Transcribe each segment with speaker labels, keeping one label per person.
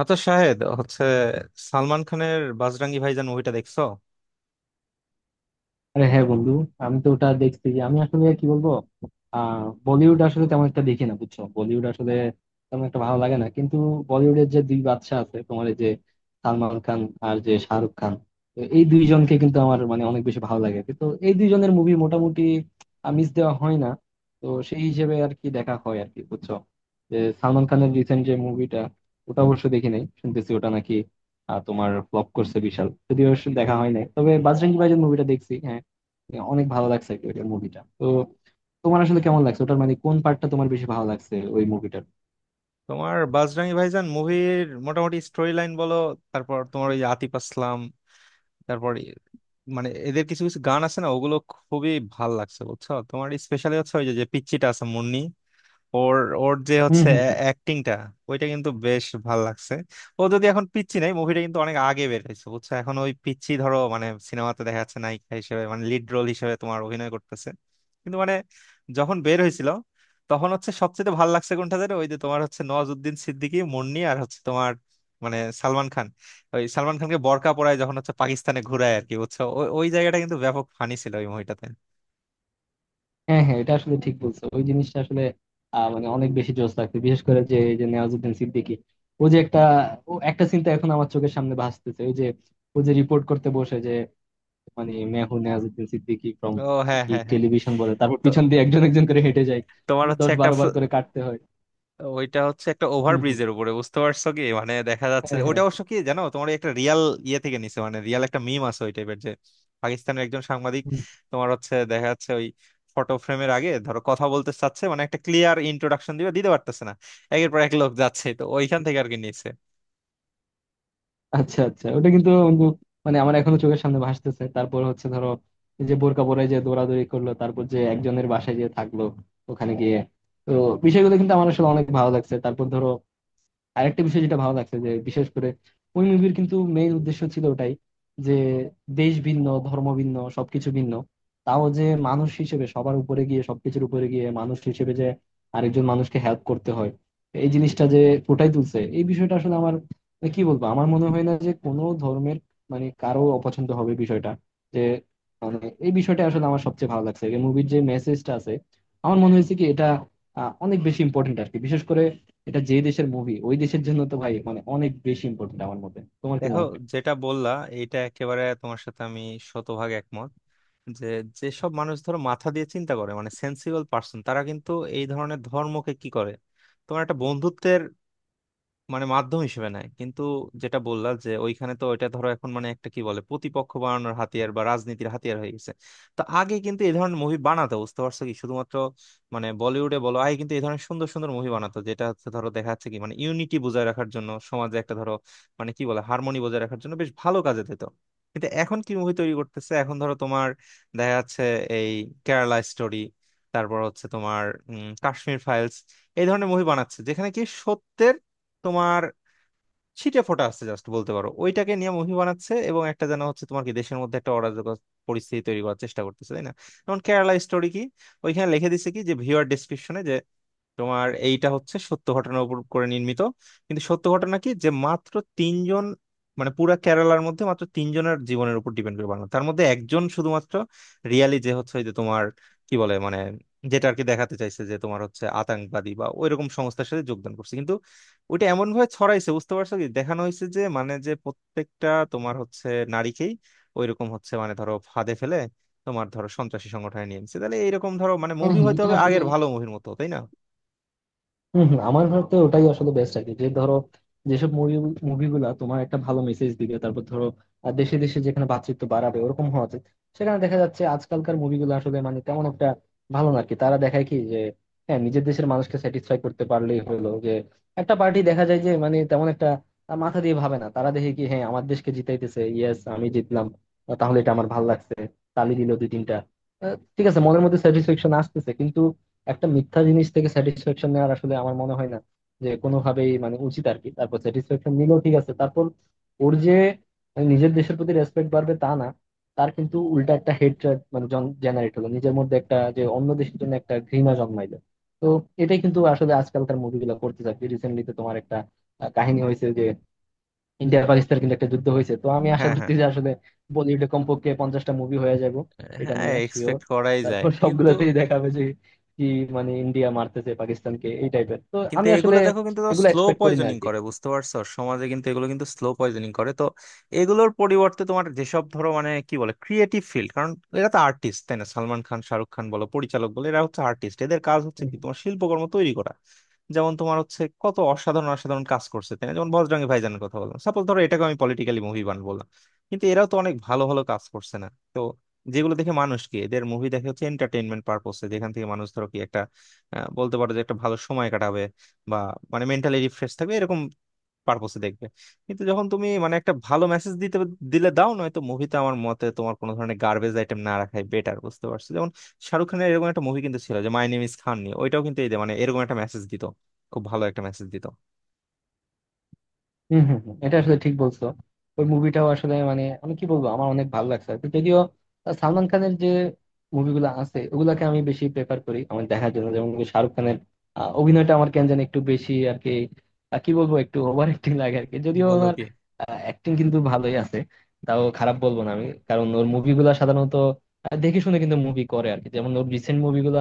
Speaker 1: আচ্ছা, শাহেদ হচ্ছে সালমান খানের বাজরাঙ্গি ভাইজান মুভিটা দেখছো?
Speaker 2: আরে হ্যাঁ বন্ধু, আমি তো ওটা দেখছি। আমি আসলে কি বলবো, বলিউড আসলে তেমন একটা দেখি না, বুঝছো? বলিউড আসলে তেমন একটা ভালো লাগে না, কিন্তু বলিউডের যে দুই বাদশা আছে তোমার, এই যে সালমান খান আর যে শাহরুখ খান, তো এই দুইজনকে কিন্তু আমার মানে অনেক বেশি ভালো লাগে। তো এই দুইজনের মুভি মোটামুটি মিস দেওয়া হয় না। তো সেই হিসেবে আর কি দেখা হয় আর কি, বুঝছো? যে সালমান খানের রিসেন্ট যে মুভিটা, ওটা অবশ্য দেখি নাই। শুনতেছি ওটা নাকি তোমার ফ্লপ করছে বিশাল। যদিও সে দেখা হয় নাই, তবে বাজরঙ্গি ভাইজান মুভিটা দেখছি, হ্যাঁ। Yeah, অনেক ভালো লাগছে মুভিটা। তো তোমার আসলে কেমন লাগছে ওটার, মানে কোন পার্টটা তোমার বেশি ভালো লাগছে ওই মুভিটার?
Speaker 1: তোমার বাজরাঙ্গি ভাইজান মুভির মোটামুটি স্টোরি লাইন বলো। তারপর তোমার ওই যে আতিফ আসলাম, তারপর মানে এদের কিছু কিছু গান আছে না, ওগুলো খুবই ভাল লাগছে বুঝছো। তোমার স্পেশালি হচ্ছে ওই যে যে পিচ্চিটা আছে, মুন্নি, ওর ওর যে
Speaker 2: হুম
Speaker 1: হচ্ছে
Speaker 2: হুম হুম।
Speaker 1: অ্যাক্টিংটা, ওইটা কিন্তু বেশ ভাল লাগছে। ও যদি এখন পিচ্চি নাই, মুভিটা কিন্তু অনেক আগে বের হয়েছে বুঝছো, এখন ওই পিচ্চি ধরো মানে সিনেমাতে দেখা যাচ্ছে নায়িকা হিসেবে, মানে লিড রোল হিসেবে তোমার অভিনয় করতেছে। কিন্তু মানে যখন বের হয়েছিল তখন হচ্ছে সবচেয়ে ভাল লাগছে কোনটা জানো? ওই যে তোমার হচ্ছে নওয়াজুদ্দিন সিদ্দিকী, মুন্নি, আর হচ্ছে তোমার মানে সালমান খান। ওই সালমান খানকে বরকা পরায় যখন, হচ্ছে পাকিস্তানে ঘুরায় আর কি বুঝছো, ওই ওই জায়গাটা কিন্তু ব্যাপক ফানি ছিল ওই মুভিটাতে।
Speaker 2: হ্যাঁ হ্যাঁ, এটা আসলে ঠিক বলছো। ওই জিনিসটা আসলে মানে অনেক বেশি জোস লাগছে। বিশেষ করে যে এই যে নেওয়াজুদ্দিন সিদ্দিকী, ও যে একটা ও একটা চিন্তা এখন আমার চোখের সামনে ভাসতেছে, ওই যে ও যে রিপোর্ট করতে বসে, যে মানে মেহু নেওয়াজুদ্দিন সিদ্দিকী ফ্রম
Speaker 1: ও হ্যাঁ,
Speaker 2: কি
Speaker 1: হ্যাঁ, হ্যাঁ।
Speaker 2: টেলিভিশন বলে, তারপর
Speaker 1: তো
Speaker 2: পিছন দিয়ে একজন একজন করে হেঁটে যায়,
Speaker 1: তোমার হচ্ছে
Speaker 2: দশ
Speaker 1: একটা,
Speaker 2: বারো বার করে কাটতে হয়।
Speaker 1: ওইটা হচ্ছে একটা
Speaker 2: হুম হুম।
Speaker 1: ওভারব্রিজের উপরে বুঝতে পারছো কি, মানে দেখা যাচ্ছে
Speaker 2: হ্যাঁ
Speaker 1: ওইটা
Speaker 2: হ্যাঁ।
Speaker 1: অবশ্য কি জানো, তোমার ওই একটা রিয়াল ইয়ে থেকে নিছে, মানে রিয়াল একটা মিম আছে ওই টাইপের। যে পাকিস্তানের একজন সাংবাদিক, তোমার হচ্ছে দেখা যাচ্ছে ওই ফটো ফ্রেমের আগে ধরো কথা বলতে চাচ্ছে, মানে একটা ক্লিয়ার ইন্ট্রোডাকশন দিবে, দিতে পারতেছে না, একের পর এক লোক যাচ্ছে, তো ওইখান থেকে আর কি নিছে।
Speaker 2: আচ্ছা আচ্ছা, ওটা কিন্তু বন্ধু, মানে আমার এখনো চোখের সামনে ভাসতেছে। তারপর হচ্ছে ধরো এই যে বোরকা পরে যে দৌড়াদৌড়ি করলো, তারপর যে একজনের বাসায় যে থাকলো ওখানে গিয়ে, তো বিষয়গুলো কিন্তু আমার আসলে অনেক ভালো লাগছে। তারপর ধরো আরেকটা বিষয় যেটা ভালো লাগছে, যে বিশেষ করে ওই মুভির কিন্তু মেইন উদ্দেশ্য ছিল ওটাই, যে দেশ ভিন্ন, ধর্ম ভিন্ন, সবকিছু ভিন্ন, তাও যে মানুষ হিসেবে সবার উপরে গিয়ে, সবকিছুর উপরে গিয়ে মানুষ হিসেবে যে আরেকজন মানুষকে হেল্প করতে হয়, এই জিনিসটা যে ফুটাই তুলছে, এই বিষয়টা আসলে আমার, মানে কি বলবো, আমার মনে হয় না যে কোনো ধর্মের মানে কারো অপছন্দ হবে বিষয়টা, যে মানে এই বিষয়টা আসলে আমার সবচেয়ে ভালো লাগছে, মুভির যে মেসেজটা আছে। আমার মনে হয়েছে কি, এটা অনেক বেশি ইম্পর্টেন্ট আর কি। বিশেষ করে এটা যে দেশের মুভি, ওই দেশের জন্য তো ভাই মানে অনেক বেশি ইম্পর্টেন্ট আমার মতে। তোমার কি
Speaker 1: দেখো,
Speaker 2: মনে হয়?
Speaker 1: যেটা বললা, এটা একেবারে তোমার সাথে আমি শতভাগ একমত। যে যেসব মানুষ ধরো মাথা দিয়ে চিন্তা করে, মানে সেন্সিবল পার্সন, তারা কিন্তু এই ধরনের ধর্মকে কি করে তোমার একটা বন্ধুত্বের মানে মাধ্যম হিসেবে নেয়। কিন্তু যেটা বললা যে ওইখানে তো, এটা ধরো এখন মানে একটা কি বলে প্রতিপক্ষ বানানোর হাতিয়ার বা রাজনীতির হাতিয়ার হয়ে গেছে। তো আগে কিন্তু এই ধরনের মুভি বানাতো বুঝতে পারছো কি, শুধুমাত্র মানে বলিউডে বলো, আগে কিন্তু এই ধরনের সুন্দর সুন্দর মুভি বানাতো, যেটা হচ্ছে ধরো দেখা যাচ্ছে কি, মানে ইউনিটি বজায় রাখার জন্য সমাজে একটা ধরো মানে কি বলে হারমোনি বজায় রাখার জন্য বেশ ভালো কাজে দিত। কিন্তু এখন কি মুভি তৈরি করতেছে, এখন ধরো তোমার দেখা যাচ্ছে এই কেরালা স্টোরি, তারপর হচ্ছে তোমার কাশ্মীর ফাইলস। এই ধরনের মুভি বানাচ্ছে যেখানে কি সত্যের তোমার ছিটে ফোটা আছে, জাস্ট বলতে পারো ওইটাকে নিয়ে মুভি বানাচ্ছে, এবং একটা যেন হচ্ছে তোমার কি দেশের মধ্যে একটা অরাজকতা পরিস্থিতি তৈরি করার চেষ্টা করতেছে, তাই না? যেমন কেরালা স্টোরি কি ওইখানে লিখে দিছে কি যে ভিউয়ার ডিসক্রিপশনে যে তোমার এইটা হচ্ছে সত্য ঘটনার উপর করে নির্মিত। কিন্তু সত্য ঘটনা কি, যে মাত্র তিনজন, মানে পুরা কেরালার মধ্যে মাত্র তিনজনের জীবনের উপর ডিপেন্ড করে বানানো, তার মধ্যে একজন শুধুমাত্র রিয়ালি যে হচ্ছে ওই যে তোমার কি বলে মানে যেটা আর কি দেখাতে চাইছে, যে তোমার হচ্ছে আতঙ্কবাদী বা ওইরকম সংস্থার সাথে যোগদান করছে। কিন্তু ওইটা এমন ভাবে ছড়াইছে বুঝতে পারছো কি, দেখানো হয়েছে যে মানে যে প্রত্যেকটা তোমার হচ্ছে নারীকেই ওইরকম হচ্ছে, মানে ধরো ফাঁদে ফেলে তোমার ধরো সন্ত্রাসী সংগঠনে নিয়ে নিচ্ছে। তাহলে এইরকম ধরো মানে
Speaker 2: হ্যাঁ
Speaker 1: মুভি
Speaker 2: হ্যাঁ,
Speaker 1: হয়তো
Speaker 2: এটা
Speaker 1: হবে
Speaker 2: আসলে
Speaker 1: আগের ভালো মুভির মতো, তাই না?
Speaker 2: হম হম, আমার মতে ওটাই আসলে বেস্ট আর কি। যে ধরো যেসব মুভি, তোমার একটা ভালো মেসেজ দিবে। তারপর ধরো দেশে দেশে যেখানে ভ্রাতৃত্ব বাড়াবে, ওরকম হওয়া উচিত। সেখানে দেখা যাচ্ছে আজকালকার মুভিগুলো আসলে মানে তেমন একটা ভালো না আর কি। তারা দেখায় কি যে হ্যাঁ, নিজের দেশের মানুষকে স্যাটিসফাই করতে পারলেই হলো। যে একটা পার্টি দেখা যায় যে মানে তেমন একটা মাথা দিয়ে ভাবে না, তারা দেখে কি হ্যাঁ আমার দেশকে জিতাইতেছে, ইয়েস আমি জিতলাম। তাহলে এটা আমার ভালো লাগছে, তালি দিল 2-3টা। ঠিক আছে, মনের মধ্যে স্যাটিসফ্যাকশন আসতেছে, কিন্তু একটা মিথ্যা জিনিস থেকে স্যাটিসফ্যাকশন নেওয়ার আসলে আমার মনে হয় না যে কোনোভাবেই মানে উচিত আর কি। তারপর স্যাটিসফ্যাকশন নিলেও ঠিক আছে, তারপর ওর যে নিজের দেশের প্রতি রেসপেক্ট বাড়বে তা না, তার কিন্তু উল্টা একটা হেট মানে জেনারেট হলো নিজের মধ্যে, একটা যে অন্য দেশের জন্য একটা ঘৃণা জন্মাইলো। তো এটাই কিন্তু আসলে আজকালকার মুভিগুলো করতে চাচ্ছে। রিসেন্টলি তো তোমার একটা কাহিনী হয়েছে যে ইন্ডিয়া আর পাকিস্তান কিন্তু একটা যুদ্ধ হয়েছে। তো আমি আশা
Speaker 1: হ্যাঁ,
Speaker 2: করছি
Speaker 1: হ্যাঁ,
Speaker 2: যে আসলে বলিউডে কমপক্ষে 50টা মুভি হয়ে যাব, এটা
Speaker 1: হ্যাঁ,
Speaker 2: নিয়ে শিওর।
Speaker 1: এক্সপেক্ট করাই যায়।
Speaker 2: তারপর
Speaker 1: কিন্তু
Speaker 2: সবগুলোতেই দেখাবে যে কি মানে ইন্ডিয়া মারতেছে পাকিস্তানকে, এই টাইপের। তো
Speaker 1: কিন্তু
Speaker 2: আমি আসলে
Speaker 1: এগুলো দেখো কিন্তু
Speaker 2: এগুলো
Speaker 1: স্লো
Speaker 2: এক্সপেক্ট করি না
Speaker 1: পয়জনিং
Speaker 2: আরকি।
Speaker 1: করে বুঝতে পারছো, সমাজে কিন্তু এগুলো কিন্তু স্লো পয়জনিং করে। তো এগুলোর পরিবর্তে তোমার যেসব ধরো মানে কি বলে ক্রিয়েটিভ ফিল্ড, কারণ এরা তো আর্টিস্ট, তাই না? সালমান খান, শাহরুখ খান বলো, পরিচালক বলো, এরা হচ্ছে আর্টিস্ট, এদের কাজ হচ্ছে কি তোমার শিল্পকর্ম তৈরি করা। যেমন তোমার হচ্ছে কত অসাধারণ অসাধারণ কাজ করছে, তাই না? যেমন বজরঙ্গী ভাইজানের কথা বললাম, সাপোজ ধরো এটাকে আমি পলিটিক্যালি মুভি বান বললাম, কিন্তু এরাও তো অনেক ভালো ভালো কাজ করছে না। তো যেগুলো দেখে মানুষ কি এদের মুভি দেখে হচ্ছে এন্টারটেইনমেন্ট পারপোসে, যেখান থেকে মানুষ ধরো কি একটা বলতে পারো যে একটা ভালো সময় কাটাবে, বা মানে মেন্টালি রিফ্রেশ থাকবে এরকম পারপোসে দেখবে। কিন্তু যখন তুমি মানে একটা ভালো মেসেজ দিতে দিলে দাও, নয়তো মুভিতে আমার মতে তোমার কোনো ধরনের গার্বেজ আইটেম না রাখাই বেটার বুঝতে পারছো। যেমন শাহরুখ খানের এরকম একটা মুভি কিন্তু ছিল যে মাই নেম ইজ খান নিয়ে, ওইটাও কিন্তু এই যে মানে এরকম একটা মেসেজ দিত, খুব ভালো একটা মেসেজ দিত।
Speaker 2: হম হম হম, এটা আসলে ঠিক বলছো। ওই মুভিটাও আসলে মানে আমি কি বলবো, আমার অনেক ভালো লাগছে আর কি। যদিও সালমান খানের যে মুভিগুলো আছে ওগুলাকে আমি বেশি প্রেফার করি আমার দেখার জন্য। যেমন কি শাহরুখ খানের অভিনয়টা আমার কেন জানি একটু বেশি আর কি, কি বলবো, একটু ওভার অ্যাক্টিং লাগে আর কি। যদিও
Speaker 1: বলো
Speaker 2: ওনার
Speaker 1: কি!
Speaker 2: অ্যাক্টিং কিন্তু ভালোই আছে, তাও খারাপ বলবো না আমি। কারণ ওর মুভিগুলা সাধারণত দেখে শুনে কিন্তু মুভি করে আর কি। যেমন ওর রিসেন্ট মুভিগুলা,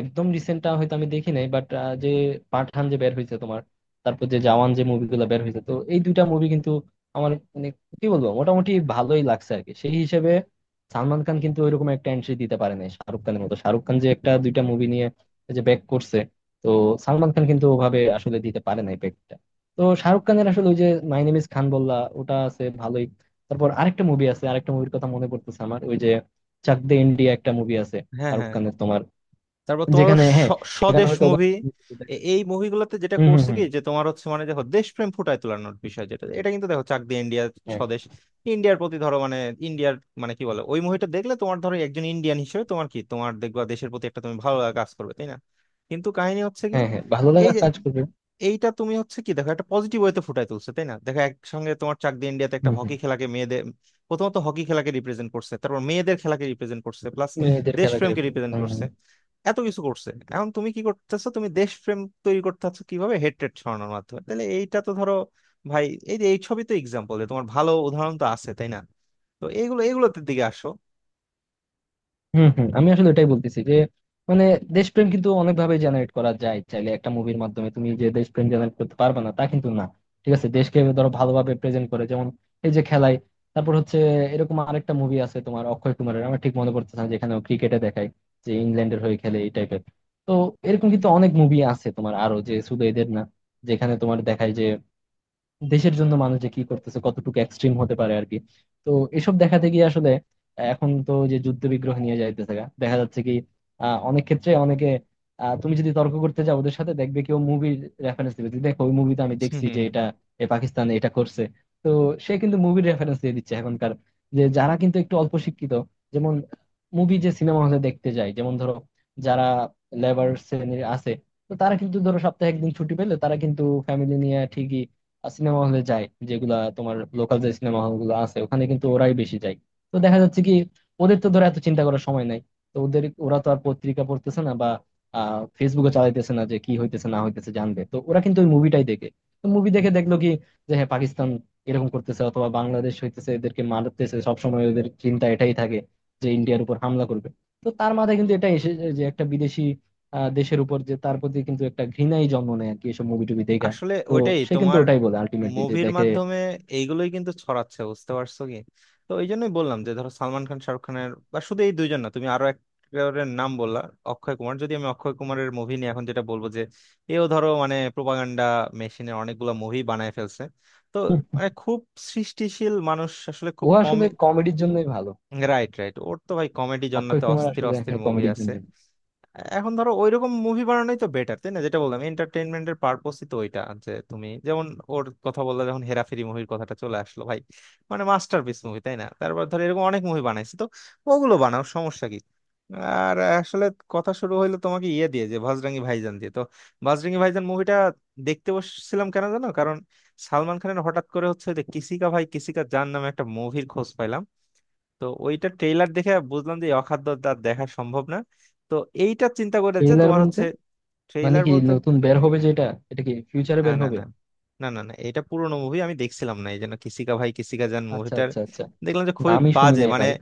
Speaker 2: একদম রিসেন্টটা হয়তো আমি দেখি নাই, বাট যে পাঠান যে বের হয়েছে তোমার, তারপর যে জওয়ান যে মুভিগুলো বের হয়েছে, তো এই দুইটা মুভি কিন্তু আমার মানে কি বলবো মোটামুটি ভালোই লাগছে আর কি। সেই হিসেবে সালমান খান কিন্তু ওইরকম একটা এন্ট্রি দিতে পারে না শাহরুখ খানের মতো। শাহরুখ খান যে একটা দুইটা মুভি নিয়ে এই যে ব্যাক করছে, তো সালমান খান কিন্তু ওভাবে আসলে দিতে পারে নাই ব্যাকটা। তো শাহরুখ খানের আসলে ওই যে মাই নেম ইজ খান বললা, ওটা আছে ভালোই। তারপর আরেকটা মুভি আছে, আরেকটা মুভির কথা মনে পড়তেছে আমার, ওই যে চাক দে ইন্ডিয়া একটা মুভি আছে
Speaker 1: হ্যাঁ,
Speaker 2: শাহরুখ
Speaker 1: হ্যাঁ।
Speaker 2: খানের তোমার,
Speaker 1: তারপর তোমার ওর
Speaker 2: যেখানে হ্যাঁ, সেখানে
Speaker 1: স্বদেশ
Speaker 2: হয়তো
Speaker 1: মুভি,
Speaker 2: ওভাবে-
Speaker 1: এই মুভিগুলোতে যেটা
Speaker 2: হম হম
Speaker 1: করছে কি
Speaker 2: হম।
Speaker 1: যে তোমার হচ্ছে মানে দেখো দেশপ্রেম ফুটায় তোলানোর বিষয় যেটা, এটা কিন্তু দেখো চাক দে ইন্ডিয়া, স্বদেশ, ইন্ডিয়ার প্রতি ধরো মানে ইন্ডিয়ার মানে কি বলে ওই মুভিটা দেখলে তোমার ধরো একজন ইন্ডিয়ান হিসেবে তোমার কি তোমার দেখবা দেশের প্রতি একটা তুমি ভালো লাগা কাজ করবে, তাই না? কিন্তু কাহিনী হচ্ছে কি,
Speaker 2: হ্যাঁ, হ্যাঁ, ভালো
Speaker 1: এই
Speaker 2: লাগা
Speaker 1: যে
Speaker 2: কাজ করবে।
Speaker 1: এইটা তুমি হচ্ছে কি দেখো একটা পজিটিভ ওয়েতে ফুটায় তুলছে, তাই না? দেখো একসঙ্গে তোমার চাক দিয়ে ইন্ডিয়াতে একটা
Speaker 2: হুম, হুম।
Speaker 1: হকি খেলাকে, মেয়েদের প্রথমত হকি খেলাকে রিপ্রেজেন্ট করছে, তারপর মেয়েদের খেলাকে রিপ্রেজেন্ট করছে, প্লাস
Speaker 2: মেয়েদের খেলাকে
Speaker 1: দেশপ্রেমকে
Speaker 2: represent-
Speaker 1: রিপ্রেজেন্ট
Speaker 2: হুম,
Speaker 1: করছে, এত কিছু করছে। এখন তুমি কি করতেছো, তুমি দেশপ্রেম তৈরি করতে চাচ্ছ কিভাবে, হেট্রেট ছড়ানোর মাধ্যমে? তাহলে এইটা তো ধরো ভাই, এই যে এই ছবি তো এক্সাম্পল, তোমার ভালো উদাহরণ তো আছে, তাই না? তো এইগুলো এগুলোতে দিকে আসো।
Speaker 2: হুম, হুম। আমি আসলে এটাই বলতেছি যে মানে দেশপ্রেম কিন্তু অনেকভাবে জেনারেট করা যায়। চাইলে একটা মুভির মাধ্যমে তুমি যে দেশপ্রেম জেনারেট করতে পারবে না তা কিন্তু না। ঠিক আছে, দেশকে ধরো ভালোভাবে প্রেজেন্ট করে, যেমন এই যে খেলায়। তারপর হচ্ছে এরকম আরেকটা মুভি আছে তোমার অক্ষয় কুমারের, আমার ঠিক মনে পড়তেছে না, যেখানে ক্রিকেটে দেখায় যে ইংল্যান্ডের হয়ে খেলে, এই টাইপের। তো এরকম কিন্তু অনেক মুভি আছে তোমার আরো, যে শুধু এদের না, যেখানে তোমার দেখায় যে দেশের জন্য মানুষ যে কি করতেছে, কতটুকু এক্সট্রিম হতে পারে আর কি। তো এসব দেখাতে গিয়ে আসলে এখন তো যে যুদ্ধ বিগ্রহ নিয়ে যাইতেছে গা, দেখা যাচ্ছে কি অনেক ক্ষেত্রে অনেকে তুমি যদি তর্ক করতে যাও ওদের সাথে, দেখবে কেউ মুভির রেফারেন্স দিবে যে, দেখো ওই মুভিতে আমি দেখছি যে এটা এ পাকিস্তান এটা করছে। তো সে কিন্তু মুভির রেফারেন্স দিয়ে দিচ্ছে এখনকার, যে যারা কিন্তু একটু অল্প শিক্ষিত, যেমন মুভি যে সিনেমা হলে দেখতে যায়, যেমন ধরো যারা লেবার শ্রেণীর আছে, তো তারা কিন্তু ধরো সপ্তাহে একদিন ছুটি পেলে তারা কিন্তু ফ্যামিলি নিয়ে ঠিকই সিনেমা হলে যায়। যেগুলা তোমার লোকাল যে সিনেমা হল গুলো আছে, ওখানে কিন্তু ওরাই বেশি যায়। তো দেখা যাচ্ছে কি ওদের তো ধরো এত চিন্তা করার সময় নাই। তো ওদের ওরা তো আর পত্রিকা পড়তেছে না, বা আহ ফেসবুকে চালাইতেছে না যে কি হইতেছে না হইতেছে জানবে। তো ওরা কিন্তু ওই মুভিটাই দেখে। তো মুভি দেখে দেখলো কি যে হ্যাঁ, পাকিস্তান এরকম করতেছে, অথবা বাংলাদেশ হইতেছে এদেরকে মারতেছে, সবসময় ওদের চিন্তা এটাই থাকে যে ইন্ডিয়ার উপর হামলা করবে। তো তার মাথায় কিন্তু এটা এসে যায় যে একটা বিদেশি দেশের উপর যে তার প্রতি কিন্তু একটা ঘৃণাই জন্ম নেয় আর কি, এসব মুভি টুভি।
Speaker 1: আসলে
Speaker 2: তো
Speaker 1: ওইটাই
Speaker 2: সে কিন্তু
Speaker 1: তোমার
Speaker 2: ওটাই বলে আলটিমেটলি যে
Speaker 1: মুভির
Speaker 2: দেখে।
Speaker 1: মাধ্যমে এইগুলোই কিন্তু ছড়াচ্ছে বুঝতে পারছো কি। তো এই জন্যই বললাম যে ধরো সালমান খান, শাহরুখ খানের বা শুধু এই দুইজন না, তুমি আরো একজনের নাম বললা, অক্ষয় কুমার। যদি আমি অক্ষয় কুমারের মুভি নিয়ে এখন যেটা বলবো, যে এও ধরো মানে প্রোপাগান্ডা মেশিনে অনেকগুলো মুভি বানায় ফেলছে। তো
Speaker 2: হুম,
Speaker 1: মানে খুব সৃষ্টিশীল মানুষ আসলে
Speaker 2: ও
Speaker 1: খুব কম।
Speaker 2: আসলে কমেডির জন্যই ভালো।
Speaker 1: রাইট, রাইট, ওর তো ভাই কমেডি
Speaker 2: অক্ষয়
Speaker 1: জন্নাতে
Speaker 2: কুমার
Speaker 1: অস্থির
Speaker 2: আসলে
Speaker 1: অস্থির
Speaker 2: হ্যাঁ
Speaker 1: মুভি
Speaker 2: কমেডির
Speaker 1: আছে।
Speaker 2: জন্য।
Speaker 1: এখন ধরো ওইরকম মুভি বানানোই তো বেটার, তাই না? যেটা বললাম এন্টারটেইনমেন্টের পারপোসই তো ওইটা। যে তুমি যেমন ওর কথা বললে যখন, হেরাফেরি মুভির কথাটা চলে আসলো ভাই, মানে মাস্টারপিস মুভি, তাই না? তারপর ধরো এরকম অনেক মুভি বানাইছে, তো ওগুলো বানাও, সমস্যা কি? আর আসলে কথা শুরু হইলো তোমাকে ইয়ে দিয়ে, যে ভাজরাঙ্গি ভাইজান দিয়ে। তো ভাজরাঙ্গি ভাইজান মুভিটা দেখতে বসছিলাম কেন জানো? কারণ সালমান খানের হঠাৎ করে হচ্ছে যে কিসিকা ভাই কিসিকা জান নামে একটা মুভির খোঁজ পাইলাম। তো ওইটা ট্রেইলার দেখে বুঝলাম যে এই অখাদ্য আর দেখা সম্ভব না। তো এইটা চিন্তা করে যে
Speaker 2: ট্রেইলার
Speaker 1: তোমার
Speaker 2: বলতে
Speaker 1: হচ্ছে,
Speaker 2: মানে
Speaker 1: ট্রেইলার
Speaker 2: কি
Speaker 1: বলতে,
Speaker 2: নতুন বের হবে যেটা, এটা কি ফিউচারে
Speaker 1: না
Speaker 2: বের
Speaker 1: না
Speaker 2: হবে?
Speaker 1: না না, না, না, এটা পুরোনো মুভি আমি দেখছিলাম না, এই জন্য কিসিকা ভাই কিসিকা জান
Speaker 2: আচ্ছা
Speaker 1: মুভিটার
Speaker 2: আচ্ছা আচ্ছা।
Speaker 1: দেখলাম যে খুবই
Speaker 2: নামই শুনি
Speaker 1: বাজে
Speaker 2: নাই
Speaker 1: মানে।
Speaker 2: ভাই।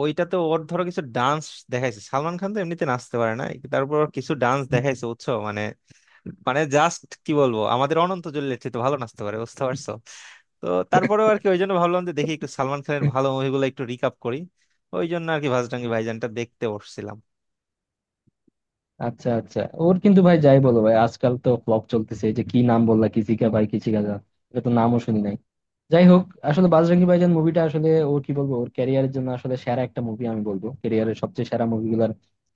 Speaker 1: ওইটাতে ওর ধরো কিছু ডান্স দেখাইছে, সালমান খান তো এমনিতে নাচতে পারে না, তারপর কিছু ডান্স
Speaker 2: হুম।
Speaker 1: দেখাইছে বুঝছো, মানে মানে জাস্ট কি বলবো, আমাদের অনন্ত জলিলের চেয়ে তো ভালো নাচতে পারে বুঝতে পারছো। তো তারপরেও আর কি, ওই জন্য ভাবলাম যে দেখি একটু সালমান খানের ভালো মুভিগুলো একটু রিকাপ করি, ওই জন্য আর কি ভাজরাঙ্গি ভাইজানটা দেখতে বসছিলাম।
Speaker 2: আচ্ছা আচ্ছা। ওর কিন্তু ভাই যাই বলো ভাই, আজকাল তো ফ্লপ চলতেছে। এই যে কি নাম বললা, কিসিকা ভাই কিসিকা যা, এটা তো নামও শুনি নাই। যাই হোক, আসলে বাজরঙ্গি ভাইজান মুভিটা আসলে ও, কি বলবো, ওর ক্যারিয়ারের জন্য আসলে সেরা একটা মুভি আমি বলবো, ক্যারিয়ারের সবচেয়ে সেরা মুভিগুলোর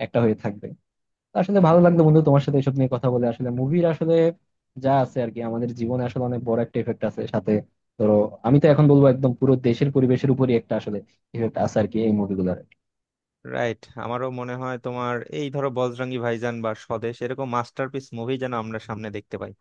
Speaker 2: একটা হয়ে থাকবে। তো আসলে ভালো লাগলো বন্ধু তোমার সাথে এসব নিয়ে কথা বলে। আসলে মুভির আসলে যা আছে আর কি, আমাদের জীবনে আসলে অনেক বড় একটা এফেক্ট আছে। সাথে ধরো আমি তো এখন বলবো একদম পুরো দেশের পরিবেশের উপরই একটা আসলে ইফেক্ট আছে আর কি এই মুভিগুলোর।
Speaker 1: রাইট, আমারও মনে হয় তোমার এই ধরো বজরঙ্গি ভাইজান বা স্বদেশ এরকম মাস্টারপিস মুভি যেন আমরা সামনে দেখতে পাই।